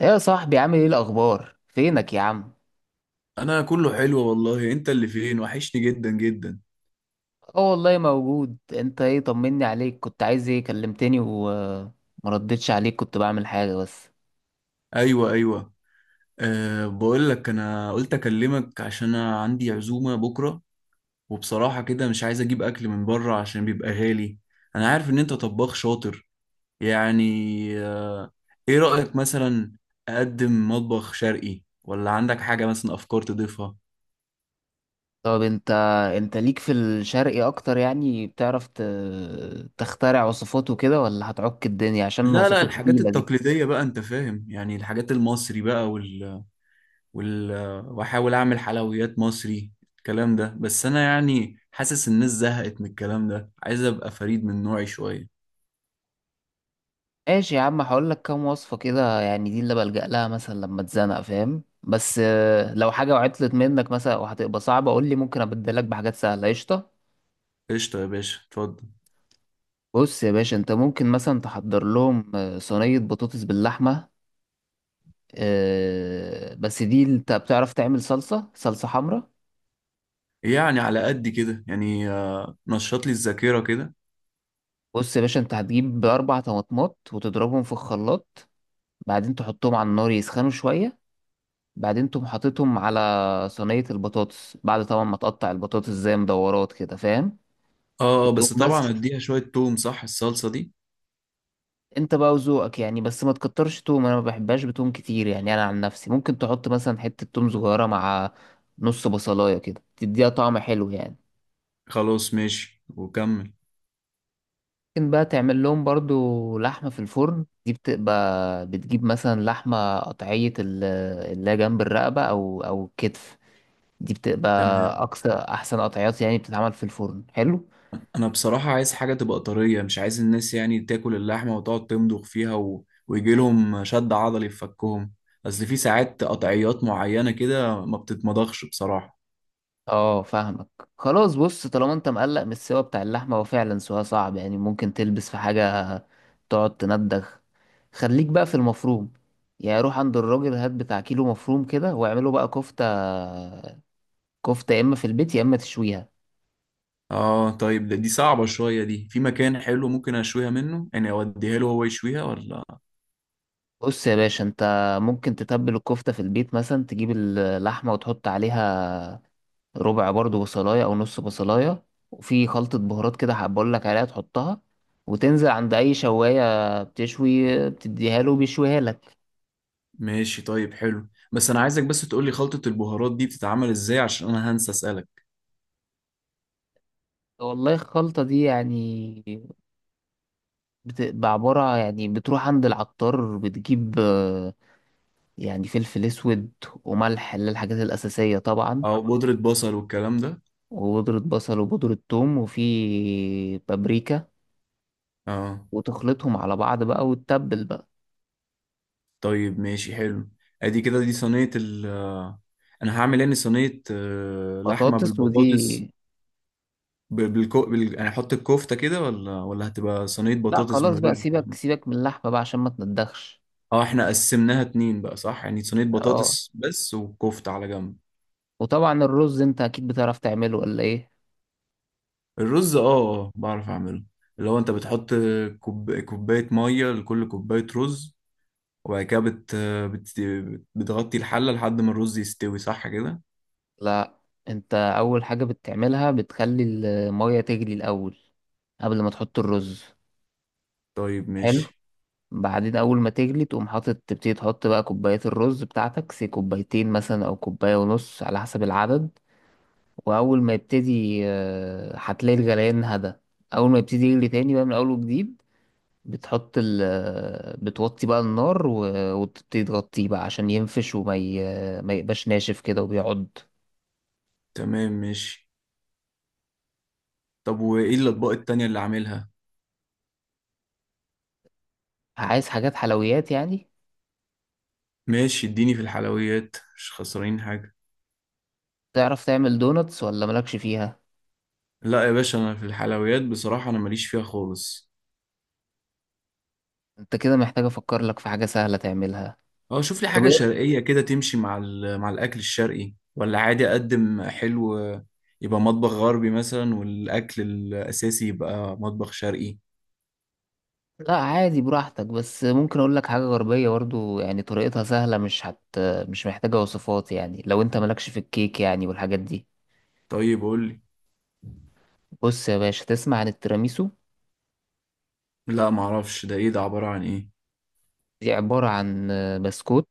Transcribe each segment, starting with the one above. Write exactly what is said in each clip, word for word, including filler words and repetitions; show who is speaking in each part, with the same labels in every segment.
Speaker 1: ايه يا صاحبي، عامل ايه؟ الاخبار؟ فينك يا عم؟
Speaker 2: انا كله حلو والله، انت اللي فين؟ وحشني جدا جدا.
Speaker 1: اه والله موجود. انت ايه، طمني عليك. كنت عايز ايه؟ كلمتني وما ردتش عليك، كنت بعمل حاجة بس.
Speaker 2: ايوه، ايوه. أه بقول لك انا قلت اكلمك عشان انا عندي عزومه بكره، وبصراحه كده مش عايز اجيب اكل من بره عشان بيبقى غالي. انا عارف ان انت طباخ شاطر يعني. أه ايه رايك مثلا، اقدم مطبخ شرقي ولا عندك حاجه مثلا، افكار تضيفها؟
Speaker 1: طب انت انت ليك في الشرقي اكتر يعني، بتعرف ت... تخترع وصفات وكده ولا هتعك الدنيا عشان
Speaker 2: لا لا،
Speaker 1: الوصفات
Speaker 2: الحاجات
Speaker 1: التقيلة دي؟
Speaker 2: التقليديه بقى، انت فاهم يعني، الحاجات المصري بقى، وال... واحاول اعمل حلويات مصري، الكلام ده. بس انا يعني حاسس الناس زهقت من الكلام ده، عايز ابقى فريد من نوعي شويه.
Speaker 1: ماشي يا عم، هقول لك كام وصفة كده يعني، دي اللي بلجأ لها مثلا لما اتزنق، فاهم؟ بس آه، لو حاجة وعطلت منك مثلا وهتبقى صعبة قول لي، ممكن ابدلك بحاجات سهلة. قشطة؟
Speaker 2: قشطه يا باشا، اتفضل.
Speaker 1: بص يا باشا، انت ممكن مثلا تحضر لهم آه، صينية بطاطس باللحمة. آه، بس دي انت بتعرف تعمل صلصة صلصة حمراء.
Speaker 2: يعني على قد كده يعني، آه، نشط لي الذاكره كده.
Speaker 1: بص يا باشا، انت هتجيب اربع طماطمات وتضربهم في الخلاط. بعدين تحطهم على النار يسخنوا شوية. بعدين تقوم حاططهم على صينية البطاطس، بعد طبعا ما تقطع البطاطس زي مدورات كده، فاهم؟
Speaker 2: اه، آه،
Speaker 1: وتقوم
Speaker 2: بس
Speaker 1: بس
Speaker 2: طبعا اديها شويه توم، صح الصلصه دي؟
Speaker 1: انت بقى وذوقك يعني، بس ما تكترش توم، انا ما بحبهاش بتوم كتير يعني. انا عن نفسي ممكن تحط مثلا حتة توم صغيرة مع نص بصلاية كده تديها طعم حلو يعني.
Speaker 2: خلاص ماشي، وكمل.
Speaker 1: ممكن بقى تعمل لهم برضو لحمة في الفرن. دي بتبقى، بتجيب مثلا لحمة قطعية ال- اللي هي جنب الرقبة او او الكتف. دي بتبقى
Speaker 2: تمام.
Speaker 1: اقصى احسن قطعيات يعني بتتعمل في الفرن حلو.
Speaker 2: انا بصراحة عايز حاجة تبقى طرية، مش عايز الناس يعني تاكل اللحمة وتقعد تمضغ فيها و... ويجي لهم شد عضلي في فكهم. اصل في ساعات قطعيات معينة كده ما بتتمضغش بصراحة.
Speaker 1: اه، فاهمك. خلاص، بص، طالما انت مقلق من السوا بتاع اللحمة، هو فعلا سوا صعب يعني، ممكن تلبس في حاجة تقعد تندخ. خليك بقى في المفروم، يعني روح عند الراجل هات بتاع كيلو مفروم كده واعمله بقى كفتة. كفتة يا اما في البيت يا اما تشويها.
Speaker 2: اه طيب، ده دي صعبة شوية، دي في مكان حلو ممكن اشويها منه، يعني اوديها له هو يشويها ولا؟
Speaker 1: بص يا باشا، انت ممكن تتبل الكفتة في البيت مثلا، تجيب اللحمة وتحط عليها ربع برضو بصلاية أو نص بصلاية، وفي خلطة بهارات كده هبقول لك عليها تحطها، وتنزل عند أي شواية بتشوي بتديها له بيشويها لك.
Speaker 2: ماشي طيب حلو، بس انا عايزك بس تقولي خلطة البهارات دي بتتعمل ازاي، عشان انا هنسى اسألك.
Speaker 1: والله الخلطة دي يعني بتبقى عبارة، يعني بتروح عند العطار بتجيب آه، يعني فلفل أسود وملح، اللي هي الحاجات الأساسية طبعا.
Speaker 2: اه، بودرة بصل والكلام ده.
Speaker 1: وبودرة بصل وبودرة ثوم وفي بابريكا.
Speaker 2: اه
Speaker 1: وتخلطهم على بعض بقى وتتبل بقى.
Speaker 2: طيب، ماشي حلو. ادي كده دي صينية ال آه، انا هعمل يعني صينية آه، لحمة
Speaker 1: بطاطس ودي.
Speaker 2: بالبطاطس. ب- بالكو بال... يعني احط الكفتة كده ولا ولا هتبقى صينية
Speaker 1: لا،
Speaker 2: بطاطس من
Speaker 1: خلاص بقى،
Speaker 2: غير؟
Speaker 1: سيبك سيبك من اللحمة بقى عشان ما تندخش.
Speaker 2: اه، احنا قسمناها اتنين بقى، صح؟ يعني صينية
Speaker 1: اه.
Speaker 2: بطاطس بس، وكفتة على جنب.
Speaker 1: وطبعا الرز انت اكيد بتعرف تعمله ولا ايه؟
Speaker 2: الرز، اه، اه، بعرف اعمله. اللي هو انت بتحط كوب... كوباية مية لكل كوباية رز، وبعد كده بت... بت... بتغطي الحلة لحد ما الرز يستوي، صح كده؟
Speaker 1: لا، انت اول حاجة بتعملها بتخلي المية تغلي الاول قبل ما تحط الرز.
Speaker 2: طيب
Speaker 1: حلو.
Speaker 2: ماشي.
Speaker 1: بعدين اول ما تغلي تقوم حاطط تبتدي تحط بقى كوبايات الرز بتاعتك، سي كوبايتين مثلا او كوباية ونص على حسب العدد. واول ما يبتدي آه، هتلاقي الغليان هدا. اول ما يبتدي يغلي تاني بقى من اول وجديد، بتحط ال بتوطي بقى النار و- وتبتدي تغطيه بقى عشان ينفش وما ي... ما يبقاش ناشف كده وبيعض.
Speaker 2: تمام ماشي. طب وايه الاطباق التانية اللي عاملها؟
Speaker 1: عايز حاجات حلويات يعني؟
Speaker 2: ماشي، اديني في الحلويات، مش خسرانين حاجة.
Speaker 1: تعرف تعمل دوناتس ولا مالكش فيها؟
Speaker 2: لا يا باشا، انا في الحلويات بصراحة انا ماليش فيها خالص.
Speaker 1: انت كده محتاج افكر لك في حاجة سهلة تعملها.
Speaker 2: اه، شوف لي
Speaker 1: طب
Speaker 2: حاجة
Speaker 1: ايه؟
Speaker 2: شرقية كده تمشي مع ال- مع الاكل الشرقي، ولا عادي اقدم حلو يبقى مطبخ غربي مثلا، والاكل الاساسي يبقى مطبخ شرقي؟
Speaker 1: لا عادي براحتك، بس ممكن اقول لك حاجة غربية برضو يعني طريقتها سهلة، مش هت مش محتاجة وصفات يعني لو انت مالكش في الكيك يعني والحاجات دي.
Speaker 2: طيب قول لي.
Speaker 1: بص يا باشا، تسمع عن التيراميسو؟
Speaker 2: لا معرفش، ده ايه؟ ده عبارة عن ايه؟
Speaker 1: دي عبارة عن بسكوت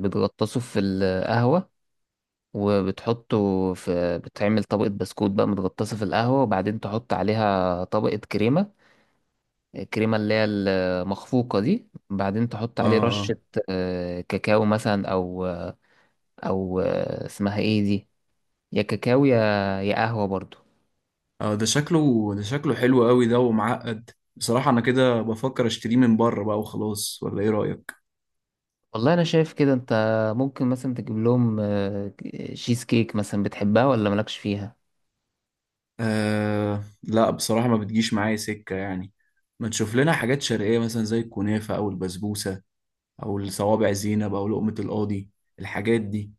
Speaker 1: بتغطسه في القهوة، وبتحطه في بتعمل طبقة بسكوت بقى متغطسة في القهوة، وبعدين تحط عليها طبقة كريمة. الكريمة اللي هي المخفوقة دي، بعدين تحط
Speaker 2: اه،
Speaker 1: عليه
Speaker 2: اه،
Speaker 1: رشة آه، كاكاو مثلا، أو أو آه، اسمها ايه دي، يا كاكاو يا يا قهوة برضو.
Speaker 2: اه، ده شكله ده شكله حلو قوي ده ومعقد. بصراحة انا كده بفكر اشتريه من بره بقى وخلاص، ولا ايه رأيك؟
Speaker 1: والله أنا شايف كده، أنت ممكن مثلا تجيب لهم آه، شيز كيك مثلا، بتحبها ولا مالكش فيها؟
Speaker 2: آه لا، بصراحة ما بتجيش معايا سكة يعني. ما تشوف لنا حاجات شرقية مثلا، زي الكنافة أو البسبوسة، أو الصوابع زينب، أو لقمة القاضي، الحاجات دي.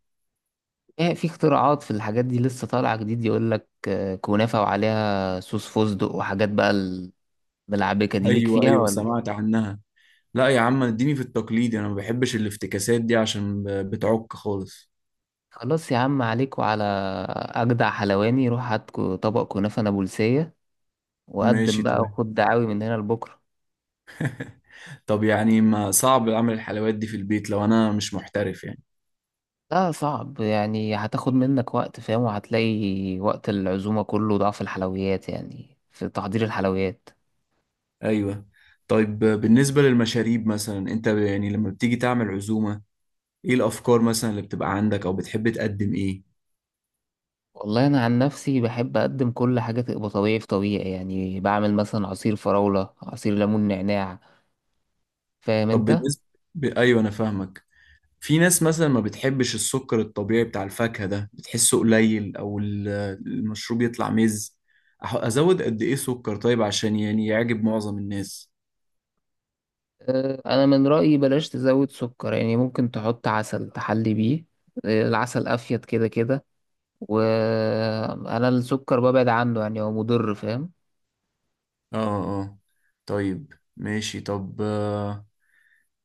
Speaker 1: ايه، في اختراعات في الحاجات دي لسه طالعة جديد، يقولك آه، كنافة وعليها صوص فستق وحاجات بقى ملعبكة، دي ليك
Speaker 2: أيوة،
Speaker 1: فيها
Speaker 2: أيوة،
Speaker 1: ولا؟
Speaker 2: سمعت عنها. لا يا عم، اديني في التقليدي، أنا ما بحبش الافتكاسات دي عشان ب- بتعك خالص.
Speaker 1: خلاص يا عم، عليك وعلى أجدع حلواني. روح هات كو- طبق كنافة نابلسية وقدم
Speaker 2: ماشي
Speaker 1: بقى
Speaker 2: تمام.
Speaker 1: وخد دعاوي من هنا لبكرة.
Speaker 2: طب يعني ما صعب أعمل الحلويات دي في البيت لو أنا مش محترف يعني؟
Speaker 1: لا صعب يعني، هتاخد منك وقت، فاهم؟ وهتلاقي وقت العزومة كله ضعف الحلويات يعني في تحضير الحلويات.
Speaker 2: أيوة. طيب بالنسبة للمشاريب مثلا، أنت يعني لما بتيجي تعمل عزومة، إيه الأفكار مثلا اللي بتبقى عندك، أو بتحب تقدم إيه؟
Speaker 1: والله أنا عن نفسي بحب أقدم كل حاجة تبقى طبيعي في طبيعي يعني، بعمل مثلا عصير فراولة، عصير ليمون نعناع، فاهم
Speaker 2: طب
Speaker 1: أنت؟
Speaker 2: بالنسبة، ب- أيوة أنا فاهمك. في ناس مثلا ما بتحبش السكر الطبيعي بتاع الفاكهة ده، بتحسه قليل، أو ال- المشروب يطلع مز أح- أزود قد إيه سكر طيب، عشان يعني يعجب معظم الناس؟
Speaker 1: آه، انا من رايي بلاش تزود سكر يعني، ممكن تحط عسل تحلي بيه. آه، العسل افيد كده كده. وانا السكر ببعد عنه يعني، هو مضر، فاهم؟
Speaker 2: آه، آه، طيب ماشي. طب، آه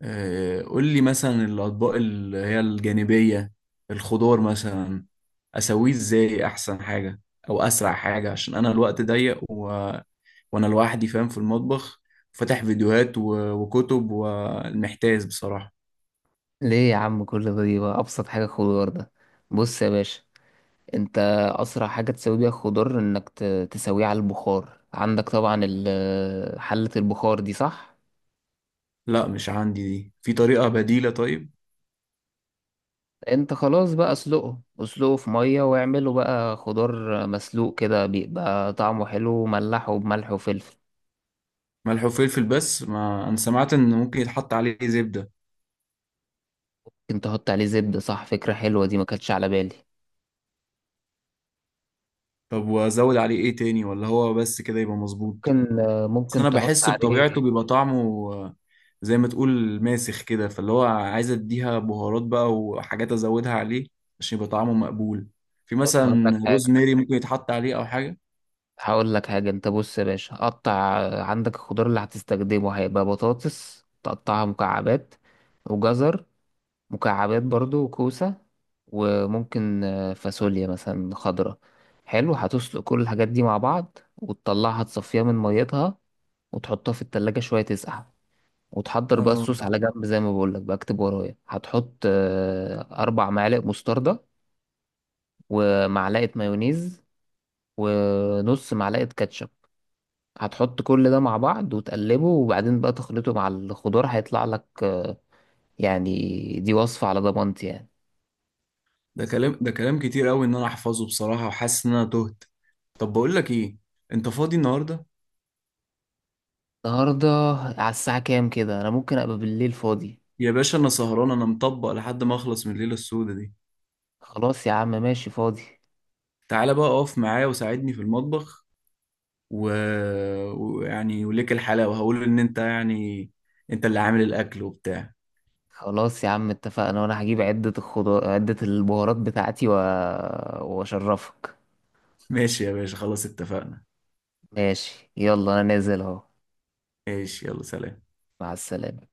Speaker 2: آه، قول لي مثلا الأطباق اللي هي الجانبية، الخضار مثلا، أسويه إزاي أحسن حاجة؟ أو أسرع حاجة، عشان أنا الوقت ضيق، وانا لوحدي فاهم في المطبخ، فاتح فيديوهات و- وكتب، والمحتاس بصراحة.
Speaker 1: ليه يا عم كل ده؟ دي بقى ابسط حاجه، خضار ده. بص يا باشا، انت اسرع حاجه تسوي بيها الخضار انك ت- تسويه على البخار. عندك طبعا ال- حله البخار دي، صح؟
Speaker 2: لا مش عندي دي، في طريقة بديلة طيب؟
Speaker 1: انت خلاص بقى، اسلقه اسلقه في ميه واعمله بقى خضار مسلوق كده، بيبقى طعمه حلو وملحه بملح وفلفل.
Speaker 2: ملح وفلفل بس، ما انا سمعت ان ممكن يتحط عليه زبدة.
Speaker 1: ممكن تحط عليه زبدة، صح، فكرة حلوة دي ما كانتش على بالي.
Speaker 2: طب وازود عليه ايه تاني، ولا هو بس كده يبقى مظبوط؟
Speaker 1: ممكن آه،
Speaker 2: بس
Speaker 1: ممكن
Speaker 2: انا
Speaker 1: تحط
Speaker 2: بحس
Speaker 1: عليه.
Speaker 2: بطبيعته بيبقى طعمه آه، زي ما تقول ماسخ كده، فاللي هو عايز اديها بهارات بقى وحاجات ازودها عليه عشان يبقى طعمه مقبول. في
Speaker 1: بص، هقول
Speaker 2: مثلا
Speaker 1: لك حاجة
Speaker 2: روزماري ممكن يتحط عليه او حاجة.
Speaker 1: هقول لك حاجة انت بص يا باشا، قطع آه، عندك الخضار اللي هتستخدمه هيبقى بطاطس تقطعها مكعبات. وجزر مكعبات برضو وكوسة. وممكن آه، فاصوليا مثلا خضرة. حلو، هتسلق كل الحاجات دي مع بعض وتطلعها تصفيها من ميتها. وتحطها في التلاجة شوية تسقع. وتحضر بقى
Speaker 2: اه،
Speaker 1: الصوص على جنب، زي ما بقول لك بقى، اكتب ورايا، هتحط آه، اربع معالق مستردة. ومعلقة مايونيز. ونص معلقة كاتشب. هتحط كل ده مع بعض وتقلبه، وبعدين بقى تخلطه مع الخضار هيطلع لك آه، يعني، دي وصفة على ضمانتي يعني.
Speaker 2: ده كلام ده كلام كتير قوي ان انا احفظه بصراحة، وحاسس ان انا تهت. طب بقول لك ايه، انت فاضي النهاردة؟
Speaker 1: النهاردة؟ على الساعة كام كده؟ انا ممكن ابقى بالليل فاضي.
Speaker 2: يا باشا، انا سهران، انا مطبق لحد ما اخلص من الليلة السوداء دي.
Speaker 1: خلاص يا عم، ماشي، فاضي.
Speaker 2: تعالى بقى اقف معايا وساعدني في المطبخ، و- ويعني، وليك الحلاوة، وهقول ان انت يعني، انت اللي عامل الاكل وبتاع.
Speaker 1: خلاص يا عم اتفقنا، وانا هجيب عدة الخضار عدة البهارات بتاعتي و... واشرفك.
Speaker 2: ماشي يا باشا، خلاص اتفقنا.
Speaker 1: ماشي، يلا انا نازل اهو.
Speaker 2: ماشي يلا، سلام.
Speaker 1: مع السلامة.